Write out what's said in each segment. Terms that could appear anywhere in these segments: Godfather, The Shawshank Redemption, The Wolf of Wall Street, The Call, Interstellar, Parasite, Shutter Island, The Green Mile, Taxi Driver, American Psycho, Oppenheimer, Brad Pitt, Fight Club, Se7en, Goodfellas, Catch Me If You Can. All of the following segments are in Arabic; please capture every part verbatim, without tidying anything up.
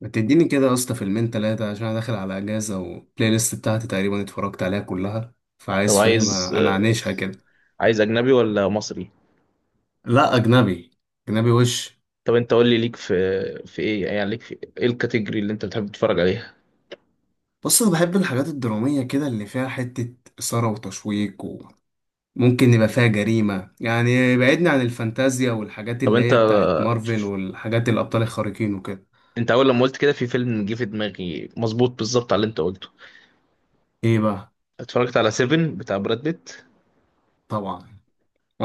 ما تديني كده يا اسطى فيلمين تلاتة عشان انا داخل على اجازة، والبلاي ليست بتاعتي تقريبا اتفرجت عليها كلها، طب فعايز، فاهم، عايز. انا عانيشها كده. عايز اجنبي ولا مصري؟ لا اجنبي. اجنبي وش. طب انت قول لي ليك في، في ايه يعني ليك في ايه الكاتيجوري اللي انت بتحب تتفرج عليها؟ بص، انا بحب الحاجات الدرامية كده اللي فيها حتة اثارة وتشويق، وممكن يبقى فيها جريمة. يعني بعدني عن الفانتازيا والحاجات طب اللي انت هي بتاعت مارفل والحاجات الابطال الخارقين وكده. انت اول لما قلت كده في فيلم جه في دماغي مظبوط، بالظبط على اللي انت قلته. ايه بقى؟ اتفرجت على سيفن بتاع براد بيت. طبعا.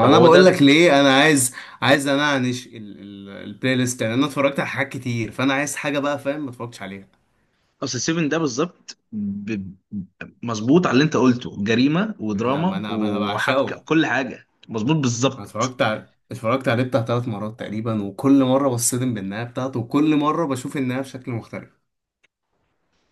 طب هو بقول ده. لك ليه انا عايز. عايز انعنش ال- ال- البلاي ليست. يعني انا اتفرجت على حاجات كتير، فانا عايز حاجه بقى، فاهم، ما اتفرجتش عليها. اصل سيفن ده بالظبط ب... مظبوط على اللي انت قلته، جريمة انا ما ودراما انا ما انا وحبكة، بعشقه. كل حاجة مظبوط انا بالظبط. اتفرجت على اتفرجت عليه بتاع ثلاث مرات تقريبا، وكل مره بصدم بالنهايه بتاعته، وكل مره بشوف النهايه بشكل مختلف.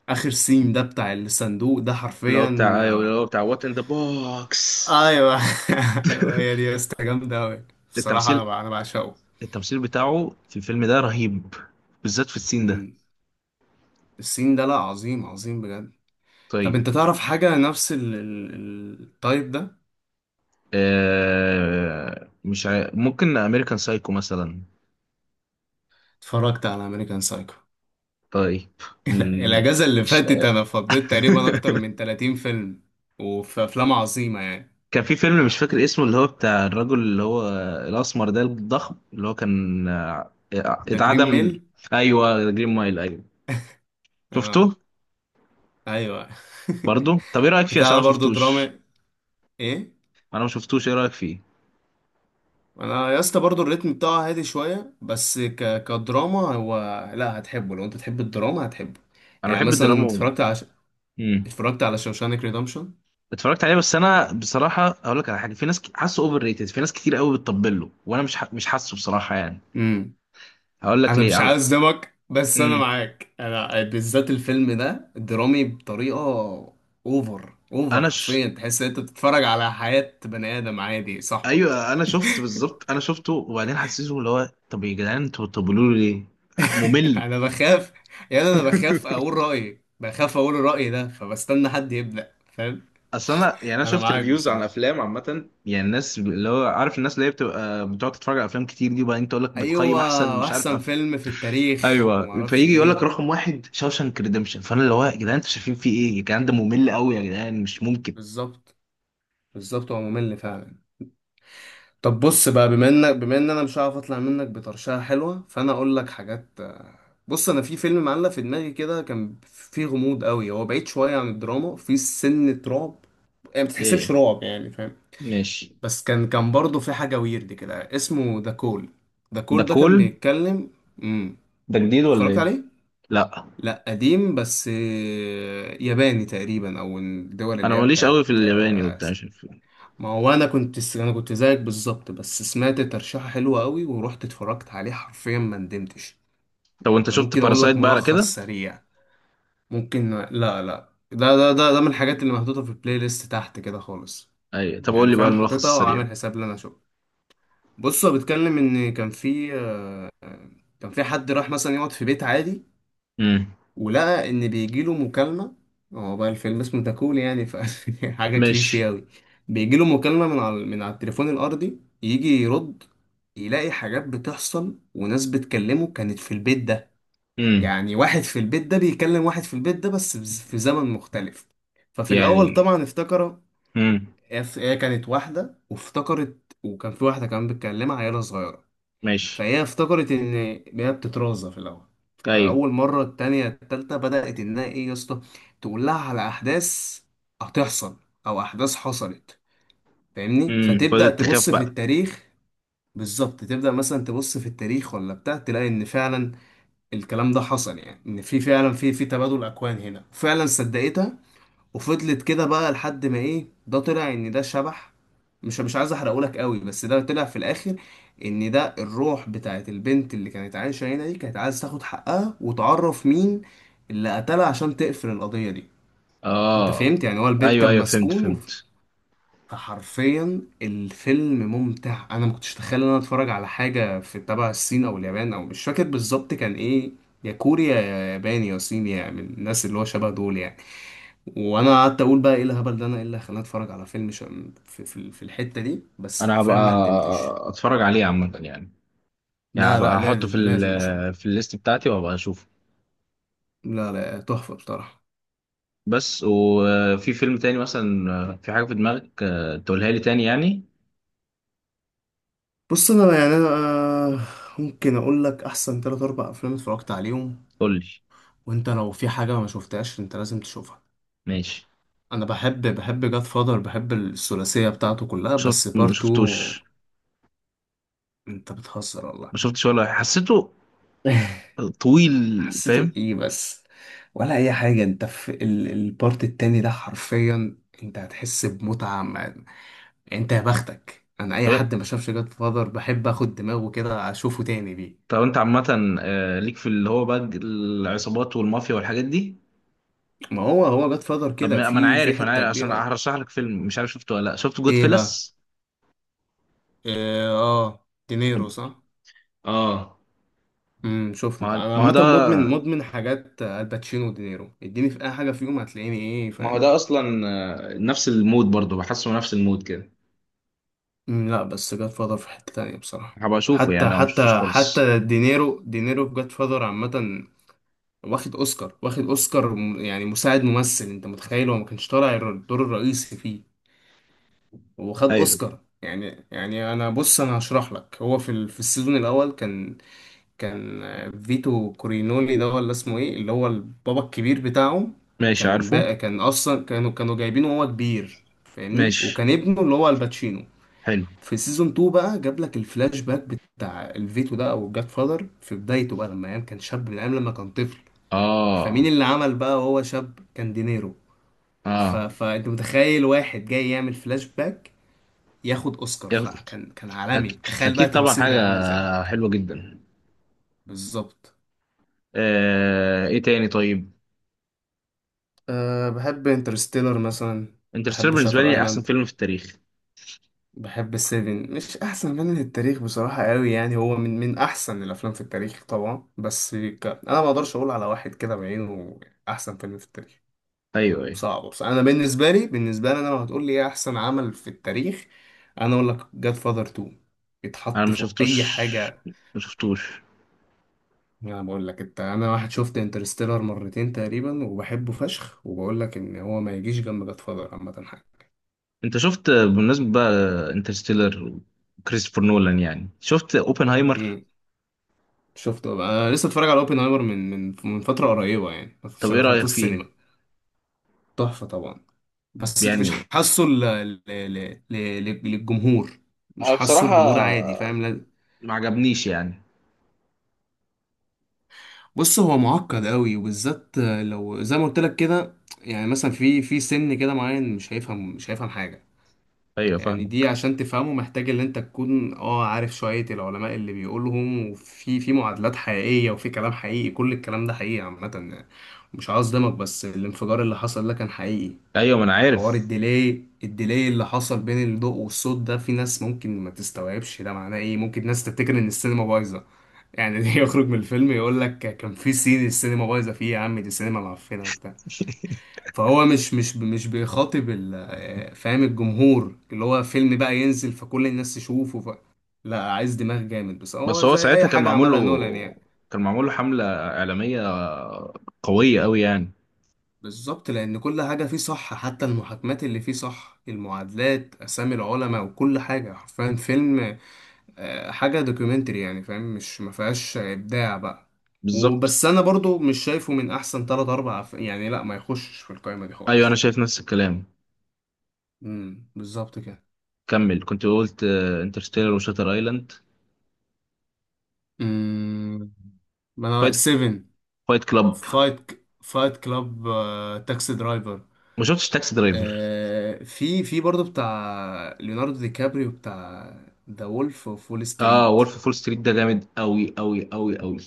اخر سين ده بتاع الصندوق ده اللي هو حرفيا بتاع اللي آه، هو بتاع وات ان ذا بوكس. ايوه. ايوه هي دي يا اسطى، جامده قوي. بصراحه انا التمثيل بع- انا بعشقه. التمثيل بتاعه في الفيلم ده رهيب، بالذات في السين ده. مم. السين ده لا، عظيم عظيم بجد. طب طيب. انت تعرف حاجه نفس ال- ال- التايب ده؟ آه، مش عارف، ممكن امريكان سايكو مثلا. اتفرجت على امريكان سايكو. طيب. مم، الاجازه اللي مش فاتت انا فضيت تقريبا اكتر من تلاتين فيلم. وفي افلام عظيمه يعني. كان في فيلم مش فاكر اسمه، اللي هو بتاع الرجل اللي هو الاسمر ده الضخم اللي هو كان آه، ده جرين ميل. اتعدم. ايوه، جرين مايل، ايوه، شفته. اه ايوه. برضو طب ايه رايك فيه؟ بتاع عشان ده انا ما برضه شفتوش. دراما. ايه. انا ما شفتوش، ايه رايك فيه؟ انا يا اسطى برضه الريتم بتاعه هادي شويه، بس ك... كدراما هو، لا هتحبه. لو انت تحب الدراما هتحبه. انا يعني بحب الدراما مثلا و... اتفرجت على ش... مم. اتفرجت على شوشانك ريدمشن. اتفرجت عليه، بس انا بصراحه اقول لك على حاجه، في ناس ك- حاسه اوفر ريتد، في ناس كتير قوي بتطبل له، وانا مش ح... مش حاسه بصراحه يعني. امم. هقول لك انا مش ليه. عايز اصدمك، بس انا امم. معاك. انا بالذات الفيلم ده درامي بطريقه اوفر اوفر، انا ش... حرفيا تحس ان انت بتتفرج على حياه بني ادم عادي، صاحبك. ايوه انا شفت بالظبط، انا شفته وبعدين حسيته، اللي هو طب يا جدعان انتوا بتقولوا لي ليه؟ ممل. انا بخاف. يعني انا بخاف اقول رايي بخاف اقول رايي ده، فبستنى حد يبدا، فاهم. اصل انا يعني انا انا شفت معاك ريفيوز عن بصراحه. افلام عامه، يعني الناس اللي هو عارف، الناس اللي هي بتبقى بتقعد تتفرج على افلام كتير دي، وبعدين تقول لك بتقيم احسن، ايوه، مش عارف واحسن أف... فيلم في التاريخ وما ايوه، اعرفش فيجي يقول لك ايه. رقم واحد شاوشانك ريدمشن، فانا اللي هو يا جدعان انتوا شايفين فيه ايه؟ الكلام ده ممل قوي يا جدعان، مش ممكن. بالظبط. بالظبط، هو ممل فعلا. طب بص بقى، بما انك بما ان انا مش هعرف اطلع منك بطرشقه حلوه، فانا اقول لك حاجات. بص، انا في فيلم معلق في دماغي كده، كان فيه غموض قوي. هو بعيد شويه عن الدراما، فيه سنه رعب. يعني ما بتحسبش ايه. رعب، يعني فاهم. ماشي. بس كان كان برضه في حاجة ويرد كده اسمه ذا كول. ذا ده كول ده كان كول. بيتكلم. امم. ده جديد ولا اتفرجت ايه؟ عليه؟ لا. لا قديم، بس آه، ياباني تقريبا، او من الدول انا اللي هي ماليش قوي بتاعت في الياباني آه، وبتاع آسيا. مش عارف. ما هو انا كنت انا كنت زيك بالظبط، بس سمعت ترشيحة حلوة قوي ورحت اتفرجت عليه، حرفيا ما ندمتش. طب وانت انا شفت ممكن اقول باراسايت لك بقى على ملخص كده؟ سريع؟ ممكن لا لا، ده ده ده ده من الحاجات اللي محطوطة في البلاي ليست تحت كده خالص. اي، طب قول يعني لي بقى فاهم، الملخص حاططها السريع. وعامل حساب ان انا اشوفها. بص هو بيتكلم ان كان في، كان في حد راح مثلا يقعد في بيت عادي، امم. ولقى ان بيجيله مكالمه. هو بقى الفيلم اسمه تاكون يعني ف حاجه كليشيه ماشي. اوي. بيجيله مكالمه من على من على التليفون الارضي، يجي يرد، يلاقي حاجات بتحصل وناس بتكلمه كانت في البيت ده. امم. يعني واحد في البيت ده بيكلم واحد في البيت ده، بس في زمن مختلف. ففي الاول يعني. طبعا افتكر امم. هي هي كانت واحده وافتكرت، وكان في واحده كمان بتكلمها عيله صغيره. ماشي. فهي افتكرت ان، هي بتترازى في الاول. ايوه. فاول مره التانية التالتة بدات انها، ايه يا اسطى، تقول لها على احداث هتحصل، او احداث حصلت، فاهمني. امم، فتبدا فضلت تخاف تبص في بقى. التاريخ. بالظبط، تبدا مثلا تبص في التاريخ ولا بتاع، تلاقي ان فعلا الكلام ده حصل. يعني ان في فعلا، في في تبادل اكوان هنا فعلا، صدقتها. وفضلت كده بقى لحد ما، ايه ده، طلع ان ده شبح. مش مش عايز احرقهولك قوي، بس ده طلع في الاخر ان ده الروح بتاعت البنت اللي كانت عايشه هنا دي، كانت عايز تاخد حقها وتعرف مين اللي قتلها عشان تقفل القضيه دي. انت اه. فهمت؟ يعني هو البيت ايوه كان ايوه، فهمت مسكون وف... فهمت. فحرفيا الفيلم ممتع. انا ما كنتش اتخيل ان انا اتفرج على حاجه في تبع الصين او اليابان، او مش فاكر بالظبط كان ايه، يا كوريا يا ياباني يا صيني، يعني من الناس اللي هو شبه دول يعني. وانا قعدت اقول بقى ايه الهبل ده، انا ايه اللي خلاني اتفرج على فيلم ش... في, في, في الحته دي، بس انا حرفيا هبقى ما ندمتش. اتفرج عليه عامه يعني. يعني لا هبقى لا احطه في لازم، لازم بصراحه. ال في الليست بتاعتي وهبقى اشوفه. لا لا، تحفه بصراحه. بس وفي فيلم تاني مثلا، في حاجه في دماغك آه، تقولها لي تاني يعني. بص انا يعني انا آه، ممكن اقول لك احسن تلات اربع افلام اتفرجت عليهم، قول لي. وانت لو في حاجه ما شفتهاش انت لازم تشوفها. ماشي. انا بحب بحب جاد فادر، بحب الثلاثيه بتاعته كلها، شفت بس ما بارتو. شفتوش. انت بتهزر والله. ما شفتش ولا حسيته. طويل. فاهم. حسيته ايه بس؟ ولا اي حاجه، انت في ال- البارت التاني ده حرفيا انت هتحس بمتعه ما- يعني، انت يا بختك. انا اي طب حد ما شافش جاد فاذر بحب اخد دماغه كده اشوفه تاني بيه. طب انت عامة آه، ليك في اللي هو بقى العصابات والمافيا والحاجات دي؟ ما هو هو جاد فاذر طب كده ما ما انا في في عارف، انا حته عارف، عشان كبيره أوي. هرشح لك فيلم مش عارف شفته ولا لا، شفت جود ايه بقى؟ فيلس؟ إيه اه دينيرو، صح؟ اه. امم، شفته ما هو طبعا. انا ما هو عامه ده مدمن مدمن حاجات آه، الباتشينو ودينيرو، اديني في اي حاجه فيهم هتلاقيني، ايه ما هو فاهم. ده اصلا آه، نفس المود، برضه بحسه نفس المود كده. مم، لا بس جاد فاذر في حتة تانية بصراحة. هبقى اشوفه حتى يعني او مشفتوش حتى خالص. حتى دينيرو، دينيرو في جاد فاذر عامة واخد اوسكار، واخد اوسكار م- يعني مساعد ممثل. انت متخيل هو ما كانش طالع الر- الدور الرئيسي فيه، وخد ايوه. اوسكار؟ يعني يعني انا بص انا هشرح لك. هو في ال- في السيزون الاول كان، كان آه، فيتو كورينولي ده ولا اسمه ايه، اللي هو البابا الكبير بتاعهم. ماشي، كان عارفه. بقى كان اصلا كانوا كانوا جايبينه وهو كبير، فاهمني، ماشي، وكان ابنه اللي هو الباتشينو. حلو. في سيزون اتنين بقى جاب لك الفلاش باك بتاع الفيتو ده، او جاد فادر في بدايته بقى، لما ايام كان شاب، من ايام لما كان طفل. فمين اه. اللي عمل بقى وهو شاب؟ كان دينيرو. ف... اه. فانت متخيل واحد جاي يعمل فلاش باك ياخد اوسكار؟ يلا. فكان كان عالمي، أك- تخيل بقى اكيد طبعا، تمثيله حاجة كان عامل ازاي. حلوة جدا. بالظبط. آه، ايه تاني طيب؟ أه بحب انترستيلر مثلا. انترستيلر بحب بالنسبة شاتر لي احسن ايلاند. فيلم في التاريخ. بحب سيفن، مش احسن فيلم في التاريخ بصراحه قوي، يعني هو من من احسن الافلام في التاريخ طبعا، بس ك... انا ما اقدرش اقول على واحد كده بعينه احسن فيلم في التاريخ، ايوه ايوه. صعب. بس انا بالنسبه لي، بالنسبه لي انا، لو هتقول لي ايه احسن عمل في التاريخ، انا اقول لك جاد فاذر اتنين. انا يتحط ما فوق شفتوش، اي حاجه. ما شفتوش. انا بقول لك انت، انا واحد شفت انترستيلر مرتين تقريبا وبحبه فشخ، وبقول لك ان هو ما يجيش جنب جاد فاذر عامه. انت شفت بالنسبه بقى انترستيلر وكريستوفر نولان، يعني شفت اوبنهايمر؟ حاجه. شفته بقى. أنا لسه اتفرج على اوبنهايمر من من من فتره قريبه، يعني طب بس ايه دخلته رايك فيه السينما. تحفه طبعا. بس مش يعني؟ حاسه ل... ل... ل... ل... للجمهور. مش أنا حاسه بصراحه الجمهور عادي، فاهم لا- ما عجبنيش يعني. بص هو معقد قوي، وبالذات لو زي ما قلت لك كده. يعني مثلا في في سن كده معين مش هيفهم، مش هيفهم حاجه. ايوه يعني دي فاهمك. عشان تفهمه محتاج ان انت تكون اه عارف شوية العلماء اللي بيقولهم، وفي في معادلات حقيقية وفي كلام حقيقي، كل الكلام ده حقيقي عامة يعني. مش عاوز اصدمك، بس الانفجار اللي حصل ده كان حقيقي. ايوه ما انا حوار عارف. الديلي، الديلي اللي حصل بين الضوء والصوت ده، في ناس ممكن ما تستوعبش ده معناه ايه، ممكن ناس تفتكر ان السينما بايظة، يعني يخرج من الفيلم يقول لك كان في سين السينما بايظة فيه يا عم، دي السينما معفنة وبتاع. فهو مش مش مش بيخاطب ال- فاهم الجمهور، اللي هو فيلم بقى ينزل فكل الناس تشوفه ف. لا عايز دماغ جامد، بس بس هو هو زي اي ساعتها كان حاجة معمول له، عملها نولان يعني. كان معمول له حمله اعلاميه قويه قوي يعني. بالظبط، لان كل حاجة فيه صح، حتى المحاكمات اللي فيه صح، المعادلات، اسامي العلماء وكل حاجة، حرفيا فيلم آه، حاجة دوكيومنتري يعني، فاهم، مش ما فيهاش ابداع بقى. بالظبط. وبس انا برضو مش شايفه من احسن تلات اربع أف- يعني، لا ما يخشش في القائمة دي ايوه انا خالص. شايف نفس الكلام. امم بالظبط كده. كمل كنت قلت. انترستيلر وشاتر ايلاند. ما انا فايت، سيفن. فايت كلاب. فايت فايت كلاب. تاكسي درايفر. ما شفتش تاكسي درايفر. آه، في في برضه بتاع ليوناردو دي كابريو بتاع ذا وولف اوف وول اه، ستريت. وولف فول ستريت ده جامد قوي قوي قوي قوي.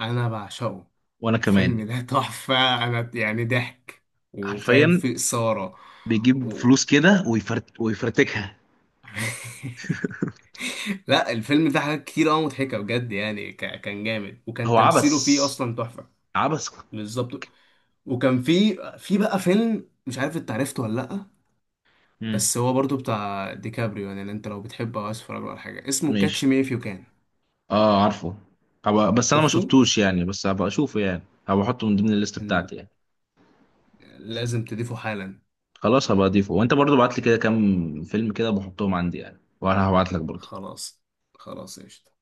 انا بعشقه. وانا كمان. الفيلم ده تحفة. انا يعني ضحك وفاهم حرفيا. فيه إثارة بيجيب و. فلوس كده ويفرت ويفرتكها. لا الفيلم ده حاجات كتير قوي مضحكة بجد يعني، ك... كان جامد، وكان هو تمثيله عبس، فيه اصلا تحفة. عبس. بالظبط. وكان في في بقى فيلم مش عارف انت عرفته ولا لا، امم. بس هو برضو بتاع ديكابريو. يعني اللي انت لو بتحبه او عايز تتفرج له على حاجه، اسمه كاتش ماشي. مي اف يو كان. اه، عارفه. هبقى، بس انا ما شفته. شفتوش يعني، بس هبقى اشوفه يعني. هبقى احطه من ضمن الليست إن- بتاعتي يعني. لازم تضيفه حالا. خلاص هبقى اضيفه، وانت برضو بعت لي كده كام فيلم كده بحطهم عندي يعني، وانا هبعت لك برضو. خلاص. خلاص قشطة.